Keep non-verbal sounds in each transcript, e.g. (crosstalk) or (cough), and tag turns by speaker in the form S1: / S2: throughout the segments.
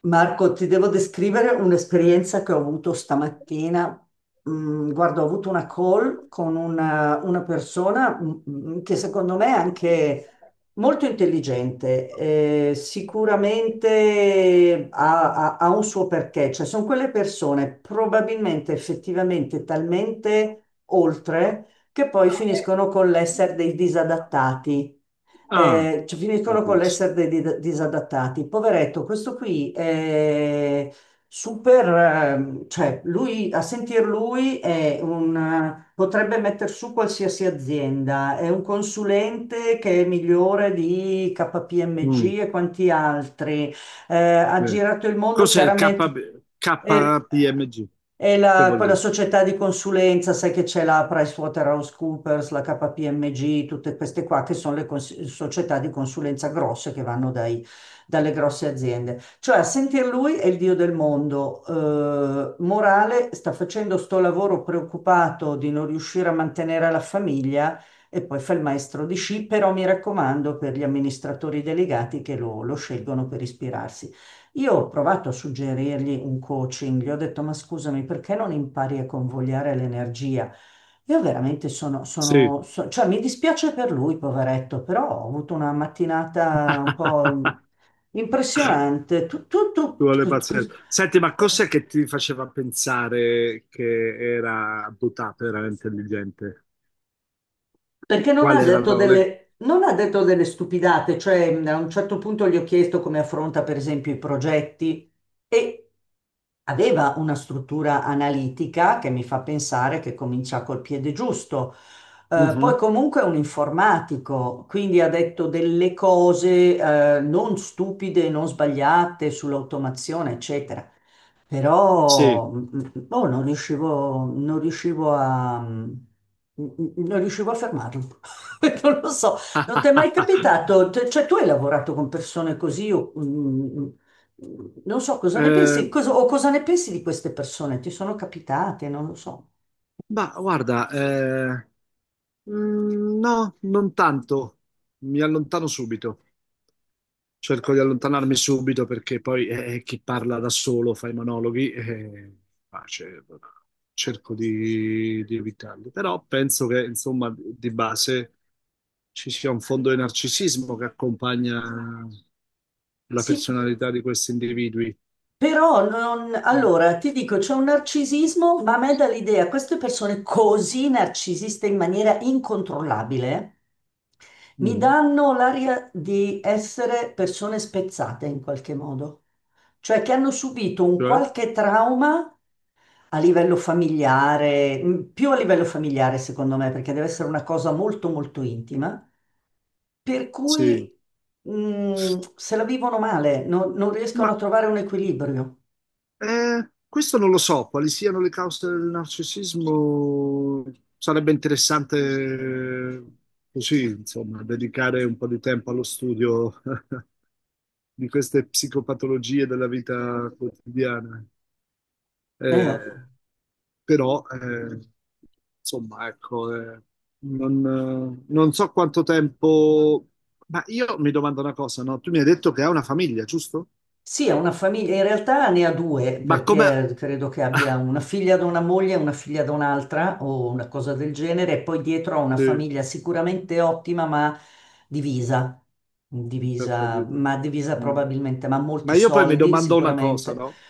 S1: Marco, ti devo descrivere un'esperienza che ho avuto stamattina. Guarda, ho avuto una call con una persona che secondo me è anche molto intelligente, sicuramente ha un suo perché, cioè sono quelle persone probabilmente effettivamente talmente oltre che poi finiscono con l'essere dei disadattati.
S2: Ah,
S1: Cioè, finiscono con
S2: capisco.
S1: l'essere dei disadattati. Poveretto, questo qui è super, cioè lui, a sentir lui è potrebbe metter su qualsiasi azienda, è un consulente che è migliore di
S2: Mm,
S1: KPMG e quanti altri, ha
S2: sì.
S1: girato il mondo,
S2: Cos'è il
S1: chiaramente,
S2: KB
S1: e,
S2: KPMG? Che vuol
S1: quella
S2: dire?
S1: società di consulenza. Sai che c'è la PricewaterhouseCoopers, la KPMG, tutte queste qua che sono le società di consulenza grosse che vanno dalle grosse aziende. Cioè, a sentir lui è il dio del mondo. Morale, sta facendo sto lavoro preoccupato di non riuscire a mantenere la famiglia e poi fa il maestro di sci, però mi raccomando, per gli amministratori delegati che lo scelgono per ispirarsi. Io ho provato a suggerirgli un coaching, gli ho detto: ma scusami, perché non impari a convogliare l'energia? Io veramente
S2: Sì.
S1: cioè mi dispiace per lui, poveretto, però ho avuto una mattinata un po'
S2: (laughs)
S1: impressionante.
S2: Ci vuole pazienza. Senti, ma cos'è che ti faceva pensare che era dotata, era intelligente?
S1: Perché non
S2: Qual
S1: ha detto
S2: erano le.
S1: delle, non ha detto delle stupidate, cioè a un certo punto gli ho chiesto come affronta per esempio i progetti e aveva una struttura analitica che mi fa pensare che comincia col piede giusto. Poi
S2: Mhm,
S1: comunque è un informatico, quindi ha detto delle cose, non stupide, non sbagliate sull'automazione, eccetera.
S2: Sì.
S1: Però boh, non riuscivo a, mm, non riuscivo a fermarlo. (laughs) Non lo so, non ti è mai
S2: (laughs)
S1: capitato? Cioè, tu hai lavorato con persone così, o, non so cosa ne
S2: Eh,
S1: pensi, o cosa ne pensi di queste persone? Ti sono capitate? Non lo so.
S2: ma guarda, no, non tanto. Mi allontano subito. Cerco di allontanarmi subito perché poi chi parla da solo fa i monologhi, ma ce- cerco di evitarli. Però penso che, insomma, di base ci sia un fondo di narcisismo che accompagna la
S1: Sì,
S2: personalità di questi individui.
S1: però non,
S2: Mm.
S1: allora ti dico, c'è un narcisismo, ma a me dà l'idea, queste persone così narcisiste in maniera incontrollabile. Mi
S2: Mhm.
S1: danno l'aria di essere persone spezzate in qualche modo, cioè che hanno subito un
S2: Cioè,
S1: qualche trauma a livello familiare, più a livello familiare secondo me, perché deve essere una cosa molto molto intima, per
S2: sì,
S1: cui, se la vivono male, non
S2: ma
S1: riescono a trovare un equilibrio.
S2: Questo non lo so, quali siano le cause del narcisismo. Sarebbe interessante eh, così, insomma, dedicare un po' di tempo allo studio (laughs) di queste psicopatologie della vita quotidiana.
S1: Oh.
S2: Eh, però, insomma, ecco, non so quanto tempo. Ma io mi domando una cosa, no? Tu mi hai detto che hai una famiglia, giusto?
S1: Sì, è una famiglia, in realtà ne ha due,
S2: Ma come.
S1: perché credo che abbia
S2: (laughs)
S1: una figlia da una moglie e una figlia da un'altra, o una cosa del genere, e poi dietro ha una
S2: Sì.
S1: famiglia sicuramente ottima, ma divisa,
S2: Ho
S1: divisa,
S2: capito.
S1: ma divisa
S2: Mm.
S1: probabilmente, ma ha molti
S2: Ma io poi mi
S1: soldi
S2: domando una cosa,
S1: sicuramente.
S2: no?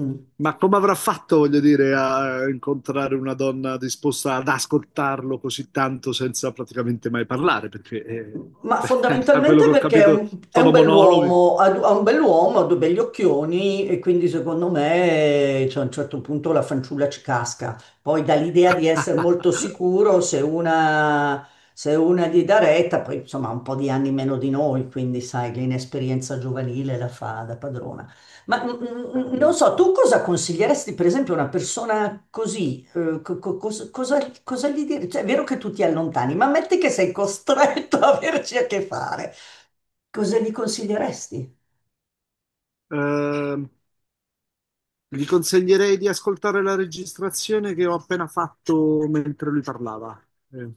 S1: Mm.
S2: Ma come avrà fatto, voglio dire, a incontrare una donna disposta ad ascoltarlo così tanto senza praticamente mai parlare?
S1: Ma
S2: (laughs) A quello
S1: fondamentalmente
S2: che ho
S1: perché
S2: capito,
S1: è un
S2: sono monologhi.
S1: bell'uomo, ha due begli occhioni, e quindi secondo me, cioè, a un certo punto la fanciulla ci casca. Poi dà l'idea di essere molto sicuro,
S2: (laughs)
S1: se una gli dà retta, poi insomma ha un po' di anni meno di noi, quindi sai, l'inesperienza giovanile la fa da padrona. Ma non so,
S2: Capisco.
S1: tu cosa consiglieresti, per esempio, a una persona così? Eh, cosa gli dire? Cioè, è vero che tu ti allontani, ma metti che sei costretto (laughs) a averci a che fare. Cosa gli consiglieresti?
S2: Ehm, gli consiglierei di ascoltare la registrazione che ho appena fatto mentre lui parlava. Eh.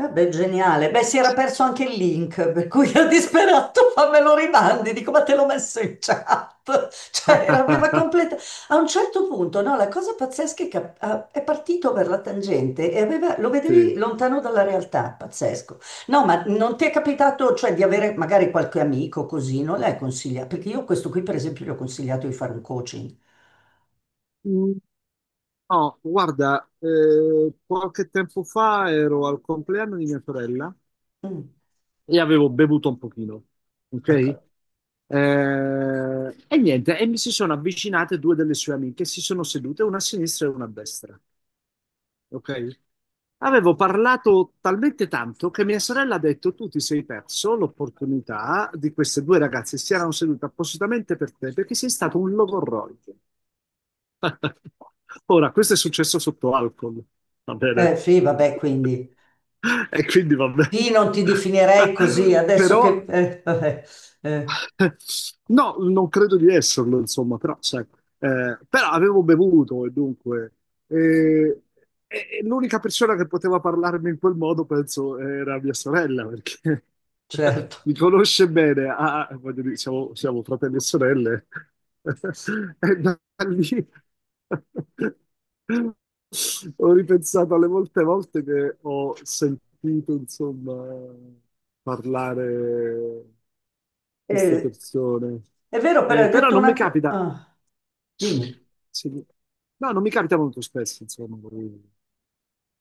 S1: Eh beh, geniale. Beh, si era perso anche il link, per cui ero disperato, (laughs) ma me lo rimandi, dico, ma te l'ho messo in chat. (laughs) Cioè, aveva completa...
S2: (laughs)
S1: A un certo punto, no, la cosa pazzesca è che è partito per la tangente e aveva, lo vedevi
S2: Sì.
S1: lontano dalla realtà, pazzesco. No, ma non ti è capitato, cioè, di avere magari qualche amico così, non l'hai consigliato? Perché io questo qui, per esempio, gli ho consigliato di fare un coaching.
S2: Oh, guarda, qualche tempo fa ero al compleanno di mia sorella
S1: Mm,
S2: e avevo bevuto un pochino, ok?
S1: ecco.
S2: E niente, e mi si sono avvicinate due delle sue amiche, si sono sedute, una a sinistra e una a destra, ok? Avevo parlato talmente tanto che mia sorella ha detto: Tu ti sei perso l'opportunità di queste due ragazze, si erano sedute appositamente per te perché sei stato un logorroico. (laughs) Ora, questo è successo sotto alcol, va bene?
S1: Sì, vabbè, quindi...
S2: (laughs) E quindi va bene.
S1: Sì, non ti definirei così,
S2: (laughs)
S1: adesso che...
S2: Però
S1: vabbè, eh,
S2: (laughs) No, non credo di esserlo, insomma, però, sai, però avevo bevuto e dunque eh, e l'unica persona che poteva parlarmi in quel modo, penso, era mia sorella, perché (laughs)
S1: certo.
S2: mi conosce bene, ah, voglio dire, siamo fratelli e sorelle, (laughs) e da lì (laughs) Ho ripensato alle molte volte che ho sentito, insomma, parlare queste
S1: Eh,
S2: persone.
S1: è vero, però hai
S2: Però
S1: detto
S2: non mi
S1: una
S2: capita,
S1: cosa... dimmi.
S2: sì, no, non mi capita molto spesso, insomma,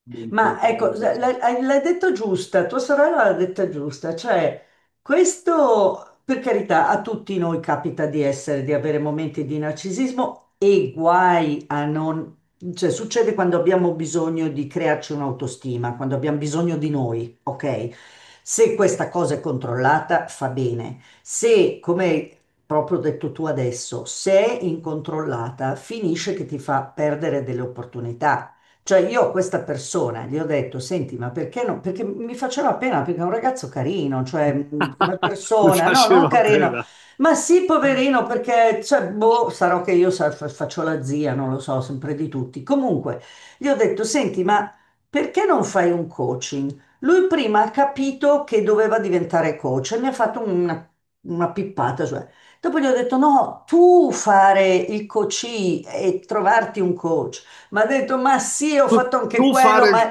S2: di
S1: Ma ecco,
S2: incontrare
S1: s-
S2: persone.
S1: l'hai hai- l'hai detto giusta, tua sorella l'ha detta giusta, cioè questo, per carità, a tutti noi capita di essere, di avere momenti di narcisismo e guai a non, cioè succede quando abbiamo bisogno di crearci un'autostima, quando abbiamo bisogno di noi, ok? Se questa cosa è controllata fa bene, se, come hai proprio detto tu adesso, se è incontrollata finisce che ti fa perdere delle opportunità. Cioè io a questa persona gli ho detto: senti, ma perché no? Perché mi faceva pena, perché è un ragazzo carino, cioè come
S2: (laughs) Mi
S1: persona, no, non
S2: faceva
S1: carino,
S2: pena.
S1: ma sì, poverino, perché, cioè, boh, sarò che io faccio la zia, non lo so, sempre di tutti. Comunque, gli ho detto: senti, ma perché non fai un coaching? Lui prima ha capito che doveva diventare coach e mi ha fatto una pippata, cioè. Dopo gli ho detto: no, tu fare il coach e trovarti un coach. Ma ha detto: ma sì, ho
S2: Tu,
S1: fatto anche
S2: tu
S1: quello,
S2: fare,
S1: ma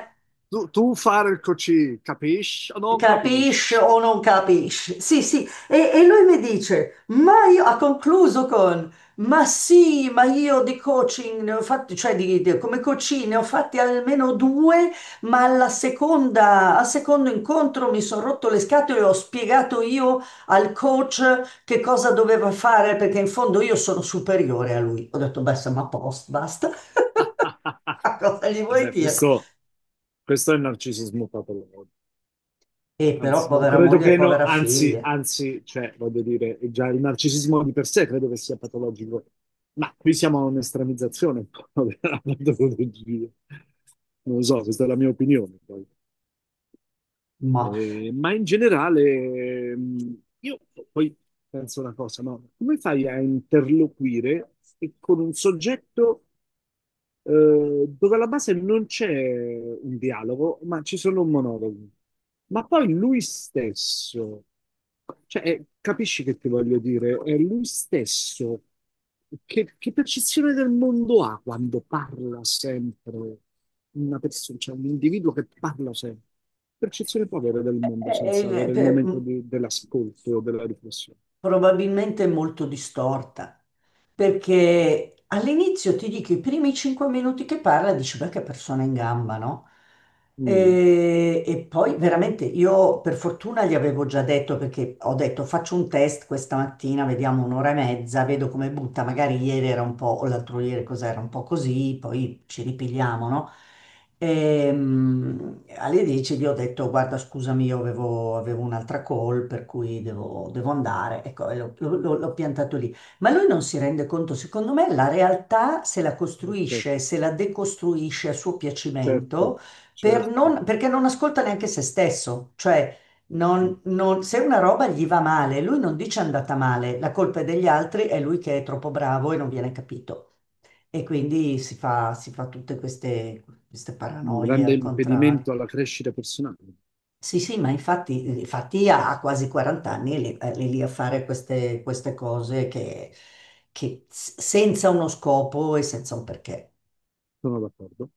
S2: tu fare il così, capisci o non
S1: capisci
S2: capisci?
S1: o non capisci? Sì, sì, e lui mi dice, ma io, ha concluso con: ma sì, ma io di coaching ne ho fatti, cioè come coaching ne ho fatti almeno due, ma al secondo incontro mi sono rotto le scatole e ho spiegato io al coach che cosa doveva fare, perché in fondo io sono superiore a lui. Ho detto: beh, siamo a posto, basta. (laughs)
S2: (laughs)
S1: Ma cosa gli vuoi
S2: Vabbè,
S1: dire?
S2: questo è il narcisismo patologico.
S1: E però
S2: Anzi, non
S1: povera
S2: credo
S1: moglie e
S2: che no,
S1: povera
S2: anzi,
S1: figlia,
S2: anzi, cioè, voglio dire, è già il narcisismo di per sé credo che sia patologico, ma qui siamo a un'estremizzazione un po' (laughs) della patologia. Non lo so, questa è la mia opinione. Poi.
S1: ma
S2: Ma in generale, io poi penso una cosa, no? Come fai a interloquire e con un soggetto? Dove alla base non c'è un dialogo, ma ci sono monologhi. Ma poi lui stesso, cioè, capisci che ti voglio dire? È lui stesso che percezione del mondo ha quando parla sempre una persona, cioè un individuo che parla sempre? Percezione può avere del
S1: è-
S2: mondo
S1: è-
S2: senza
S1: è-
S2: avere il
S1: per-
S2: momento dell'ascolto o della riflessione.
S1: probabilmente è molto distorta. Perché all'inizio, ti dico, i primi 5 minuti che parla, dici: beh, che persona in gamba, no?
S2: Mm,
S1: E poi veramente io, per fortuna, gli avevo già detto, perché ho detto: faccio un test questa mattina, vediamo un'ora e mezza, vedo come butta, magari ieri era un po', o l'altro ieri cos'era un po' così, poi ci ripigliamo, no? Alle 10 gli ho detto: guarda, scusami, io avevo un'altra call, per cui devo andare, ecco, e l'ho piantato lì. Ma lui non si rende conto, secondo me, la realtà se la
S2: certo,
S1: costruisce e se la decostruisce a suo
S2: certo.
S1: piacimento,
S2: Certo.
S1: perché non ascolta neanche se stesso. Cioè, se una roba gli va male, lui non dice è andata male, la colpa è degli altri, è lui che è troppo bravo e non viene capito. E quindi si fa tutte queste
S2: Un
S1: paranoie
S2: grande
S1: al contrario.
S2: impedimento alla crescita personale.
S1: Sì, sì, ma infatti, infatti ha quasi 40 anni e lì, è lì a fare queste cose che senza uno scopo e senza un perché.
S2: Sono d'accordo.